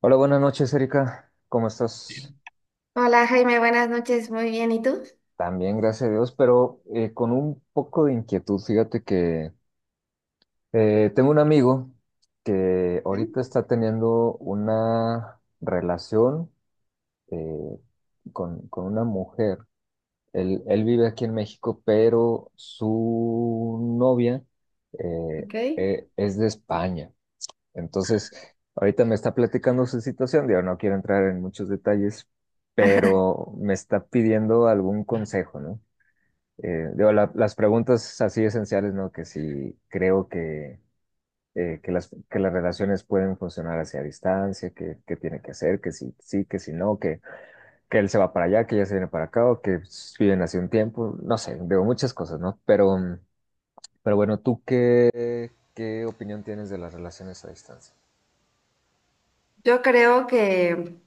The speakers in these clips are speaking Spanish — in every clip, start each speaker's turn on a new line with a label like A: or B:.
A: Hola, buenas noches, Erika. ¿Cómo estás?
B: Hola Jaime, buenas noches, muy bien, ¿y tú?
A: También, gracias a Dios, pero con un poco de inquietud. Fíjate que tengo un amigo que ahorita está teniendo una relación eh, con una mujer. Él vive aquí en México, pero su novia eh,
B: Ok.
A: es de España. Entonces, ahorita me está platicando su situación, digo, no quiero entrar en muchos detalles, pero me está pidiendo algún consejo, ¿no? Digo, las preguntas así esenciales, ¿no? Que si creo que las relaciones pueden funcionar hacia distancia, que tiene que hacer, que si sí, que si no, que él se va para allá, que ella se viene para acá, o que pues, viven hace un tiempo, no sé, digo, muchas cosas, ¿no? Pero, pero bueno, ¿tú qué, qué opinión tienes de las relaciones a distancia?
B: Yo creo que,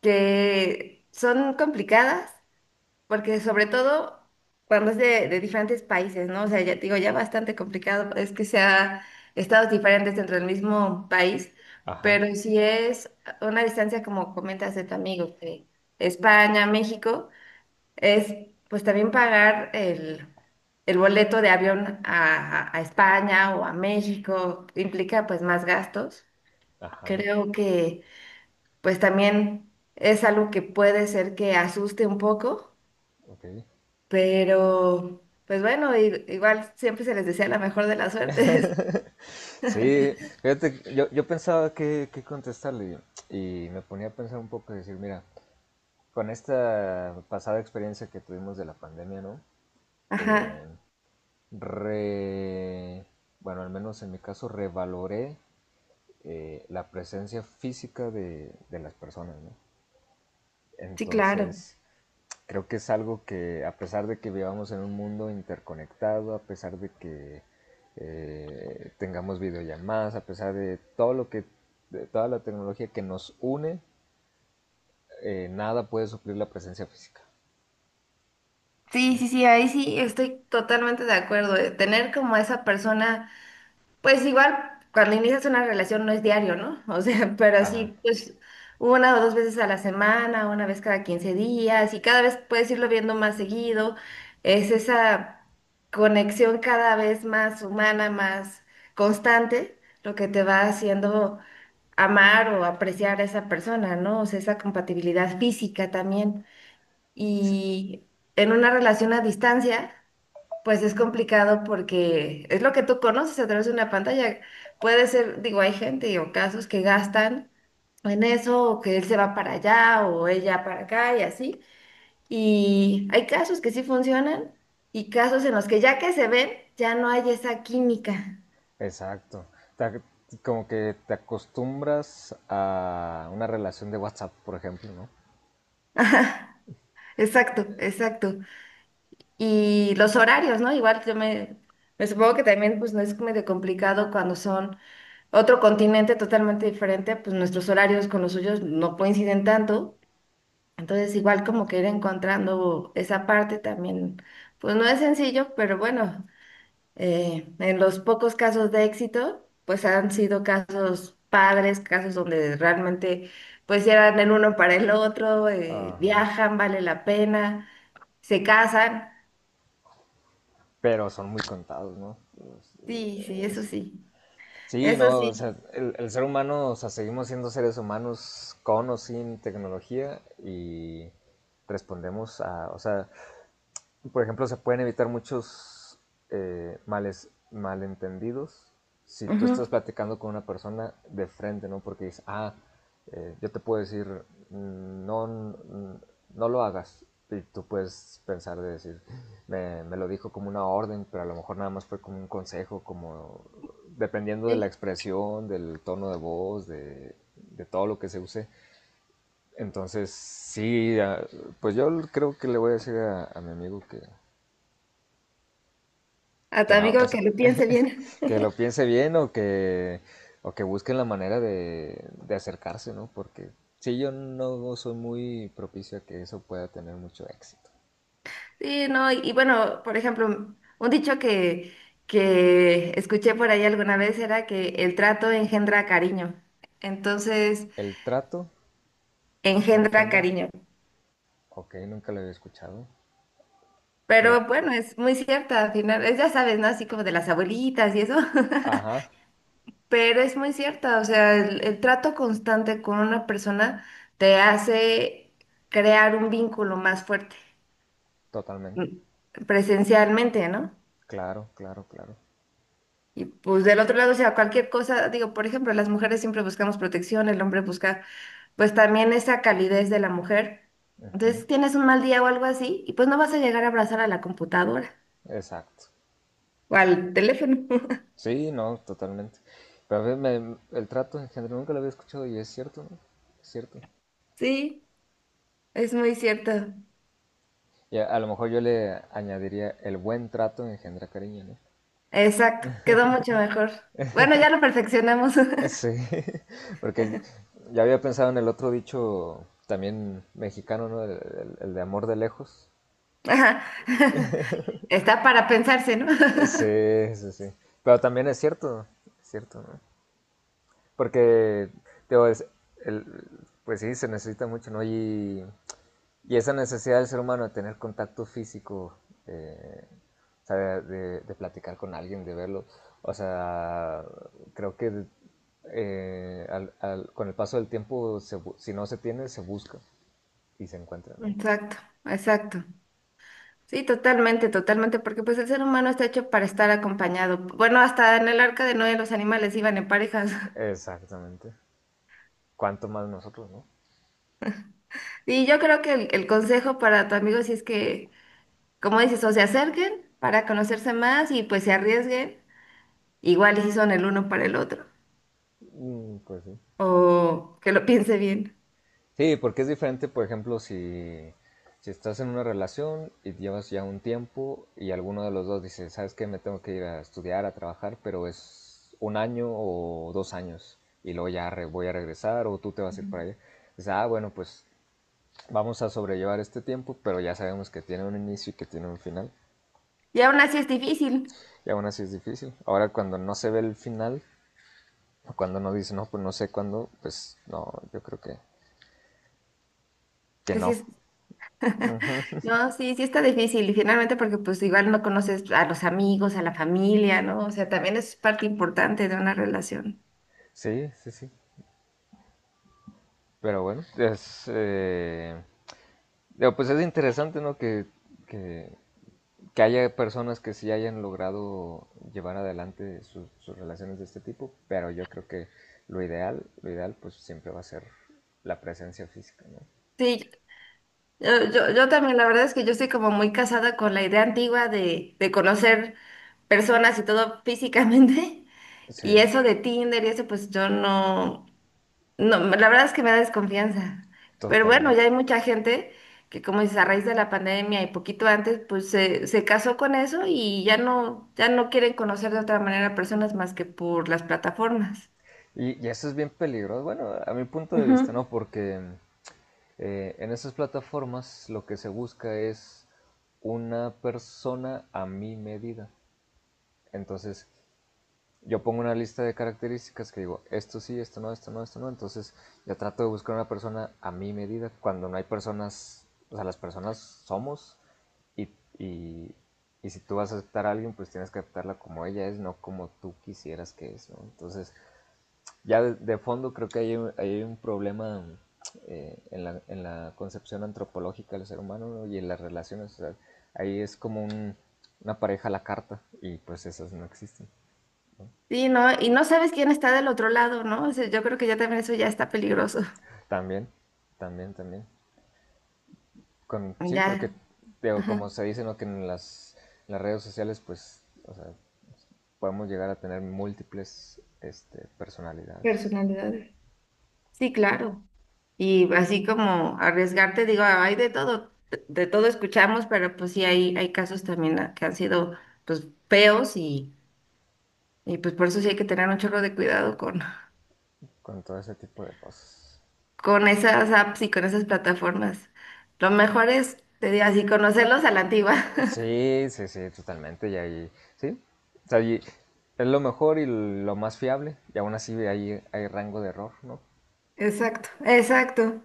B: que son complicadas, porque sobre todo cuando es de diferentes países, ¿no? O sea, ya te digo, ya bastante complicado, es que sea estados diferentes dentro del mismo país,
A: Ajá,
B: pero si es una distancia como comentas de tu amigo, de España, México. Es pues también pagar el boleto de avión a España o a México, implica pues más gastos.
A: ajá.
B: Creo que pues también es algo que puede ser que asuste un poco,
A: Ok.
B: pero pues bueno, igual siempre se les desea la mejor de las suertes.
A: Sí, fíjate, que yo pensaba que contestarle y me ponía a pensar un poco y decir, mira, con esta pasada experiencia que tuvimos de la pandemia, ¿no? Eh,
B: Ajá,
A: re, bueno, al menos en mi caso, revaloré la presencia física de las personas, ¿no?
B: sí, claro.
A: Entonces, creo que es algo que, a pesar de que vivamos en un mundo interconectado, a pesar de que tengamos videollamadas, a pesar de todo lo que, de toda la tecnología que nos une, nada puede suplir la presencia física,
B: Sí,
A: ¿no?
B: sí, sí, ahí sí estoy totalmente de acuerdo. Tener como a esa persona. Pues igual, cuando inicias una relación no es diario, ¿no? O sea, pero
A: Ajá,
B: sí, pues una o dos veces a la semana, una vez cada 15 días, y cada vez puedes irlo viendo más seguido. Es esa conexión cada vez más humana, más constante, lo que te va haciendo amar o apreciar a esa persona, ¿no? O sea, esa compatibilidad física también.
A: sí,
B: Y en una relación a distancia. Pues es complicado porque es lo que tú conoces a través de una pantalla. Puede ser, digo, hay gente o casos que gastan en eso, o que él se va para allá o ella para acá y así. Y hay casos que sí funcionan y casos en los que ya que se ven, ya no hay esa química.
A: exacto. Ta- Como que te acostumbras a una relación de WhatsApp, por ejemplo, ¿no?
B: Ajá, exacto, exacto. Y los horarios, ¿no? Igual me supongo que también pues no es medio complicado cuando son otro continente totalmente diferente, pues nuestros horarios con los suyos no coinciden tanto. Entonces, igual como que ir encontrando esa parte también, pues no es sencillo, pero bueno, en los pocos casos de éxito, pues han sido casos padres, casos donde realmente pues sí eran el uno para el otro,
A: Ajá.
B: viajan, vale la pena, se casan.
A: Pero son muy contados, ¿no?
B: Sí, sí, eso sí,
A: Sí,
B: eso
A: no, o sea,
B: sí.
A: el ser humano, o sea, seguimos siendo seres humanos con o sin tecnología y respondemos a, o sea, por ejemplo, se pueden evitar muchos males, malentendidos si tú
B: Ujú,
A: estás platicando con una persona de frente, ¿no? Porque dices, ah, yo te puedo decir, no, no lo hagas. Y tú puedes pensar de decir, me lo dijo como una orden, pero a lo mejor nada más fue como un consejo, como dependiendo de la
B: sí.
A: expresión, del tono de voz, de todo lo que se use. Entonces, sí, ah, pues yo creo que le voy a decir a mi amigo que,
B: A tu
A: Que no, o
B: amigo
A: sea,
B: que lo piense bien.
A: que lo piense bien o que busquen la manera de acercarse, ¿no? Porque sí, yo no soy muy propicio a que eso pueda tener mucho éxito.
B: Sí, no, y bueno, por ejemplo, un dicho que escuché por ahí alguna vez era que el trato engendra cariño. Entonces,
A: El trato
B: engendra
A: engendra,
B: cariño.
A: ok, nunca lo había escuchado. Me lo-
B: Pero bueno, es muy cierta, al final, es, ya sabes, ¿no? Así como de las abuelitas y eso,
A: ajá,
B: pero es muy cierta, o sea, el trato constante con una persona te hace crear un vínculo más fuerte,
A: totalmente.
B: presencialmente, ¿no?
A: Claro, claro, claro.
B: Y pues del otro lado, o sea, cualquier cosa, digo, por ejemplo, las mujeres siempre buscamos protección, el hombre busca pues también esa calidez de la mujer. Entonces tienes un mal día o algo así y pues no vas a llegar a abrazar a la computadora
A: Exacto.
B: o al teléfono.
A: Sí, no, totalmente. Pero a veces el trato engendra nunca lo había escuchado y es cierto, ¿no? Es cierto.
B: Sí, es muy cierto.
A: Y a lo mejor yo le añadiría el buen trato engendra cariño, ¿no?
B: Exacto, quedó mucho mejor. Bueno, ya lo perfeccionamos.
A: Sí, porque ya había pensado en el otro dicho también mexicano, ¿no? El, el de amor de lejos.
B: Ajá, está para pensarse, ¿no?
A: Sí, sí, sí. Pero también es cierto, ¿no? Porque, digo, el- pues sí, se necesita mucho, ¿no? Y esa necesidad del ser humano de tener contacto físico, eh, o sea, de, de platicar con alguien, de verlo, o sea, creo que con el paso del tiempo, si no se tiene, se busca. Y se encuentran, ¿no?
B: Exacto, exacto. Sí, totalmente, totalmente, porque pues el ser humano está hecho para estar acompañado. Bueno, hasta en el arca de Noé los animales iban en parejas.
A: Exactamente. ¿Cuánto más nosotros, no?
B: Y yo creo que el consejo para tu amigo si es que, como dices, o se acerquen para conocerse más y pues se arriesguen, igual y si son el uno para el otro,
A: Mm, pues sí.
B: o que lo piense bien.
A: Sí, porque es diferente, por ejemplo, si, si estás en una relación y llevas ya un tiempo y alguno de los dos dice, ¿sabes qué? Me tengo que ir a estudiar, a trabajar, pero es un año o dos años y luego ya voy a regresar o tú te vas a ir
B: Ujú.
A: para allá. Dices, ah, bueno, pues vamos a sobrellevar este tiempo, pero ya sabemos que tiene un inicio y que tiene un final.
B: Y aún así es difícil,
A: Y aún así es difícil. Ahora cuando no se ve el final, o cuando uno dice, no, pues no sé cuándo, pues no, yo creo que
B: que sí
A: no.
B: es, no, sí, sí está difícil y finalmente porque pues igual no conoces a los amigos, a la familia, ¿no? O sea, también es parte importante de una relación.
A: Sí, sí, sí. Pero bueno, es, digo, pues es interesante, ¿no? Que, que haya personas que sí hayan logrado llevar adelante sus relaciones de este tipo, pero yo creo que lo ideal pues siempre va a ser la presencia física, ¿no?
B: Sí, yo también, la verdad es que yo estoy como muy casada con la idea antigua de conocer personas y todo físicamente.
A: Sí,
B: Y eso de Tinder y eso, pues yo no, no, la verdad es que me da desconfianza. Pero bueno, ya
A: totalmente.
B: hay mucha gente que como dices, a raíz de la pandemia y poquito antes, se casó con eso y ya no, ya no quieren conocer de otra manera a personas más que por las plataformas.
A: Y eso es bien peligroso, bueno, a mi punto de vista,
B: Ujú.
A: ¿no? Porque en esas plataformas lo que se busca es una persona a mi medida. Entonces, yo pongo una lista de características que digo, esto sí, esto no, esto no, esto no. Entonces, yo trato de buscar una persona a mi medida. Cuando no hay personas, o sea, las personas somos y, y, y si tú vas a aceptar a alguien, pues tienes que aceptarla como ella es, no como tú quisieras que es, ¿no? Entonces, ya de fondo creo que hay, hay un problema en la concepción antropológica del ser humano, ¿no? Y en las relaciones. O sea, ahí es como una pareja a la carta y pues esas no existen.
B: Sí, ¿no? Y no sabes quién está del otro lado, ¿no? O sea, yo creo que ya también eso ya está peligroso.
A: También, también, también. Con, sí, porque
B: Ya.
A: digo,
B: Ajá,
A: como se dice, ¿no? Que en las redes sociales pues o sea, podemos llegar a tener múltiples este, personalidades
B: personalidades. Sí, claro. Y así como arriesgarte, digo, hay de todo escuchamos, pero pues sí hay casos también que han sido pues feos y pues por eso sí hay que tener un chorro de cuidado
A: con todo ese tipo de cosas.
B: con esas apps y con esas plataformas. Lo mejor es, te digo así, conocerlos a la antigua.
A: Sí, sí, sí, totalmente. Y ahí, sí. O sea, y es lo mejor y lo más fiable. Y aún así hay, hay rango de error, ¿no?
B: Exacto, exacto.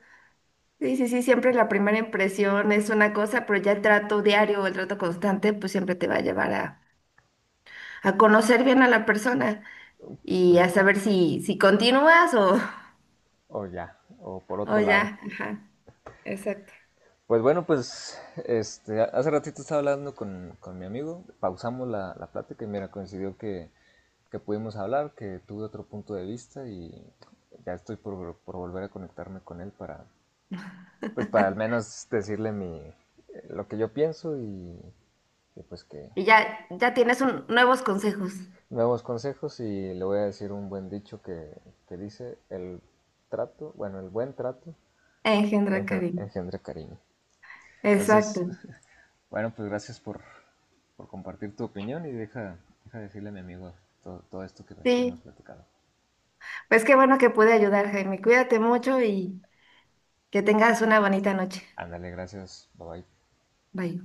B: Sí, sí, sí, siempre la primera impresión es una cosa, pero ya el trato diario, o el trato constante, pues siempre te va a llevar a conocer bien a la persona. Y
A: Pues,
B: a saber si continúas o,
A: o ya, o por
B: o
A: otro lado.
B: ya. Ajá, exacto.
A: Pues bueno, pues este, hace ratito estaba hablando con mi amigo, pausamos la, la plática y mira, coincidió que pudimos hablar, que tuve otro punto de vista y ya estoy por volver a conectarme con él para, pues para al menos decirle mi, lo que yo pienso y pues que,
B: Y ya, ya tienes nuevos consejos.
A: nuevos consejos y le voy a decir un buen dicho que dice el trato, bueno, el buen trato
B: Engendra cariño.
A: engendra cariño.
B: Exacto.
A: Entonces, bueno, pues gracias por compartir tu opinión y deja, deja decirle a mi amigo todo, esto que hemos
B: Sí,
A: platicado.
B: pues qué bueno que pude ayudar, Jaime. Cuídate mucho y que tengas una bonita noche.
A: Ándale, gracias, bye bye.
B: Bye.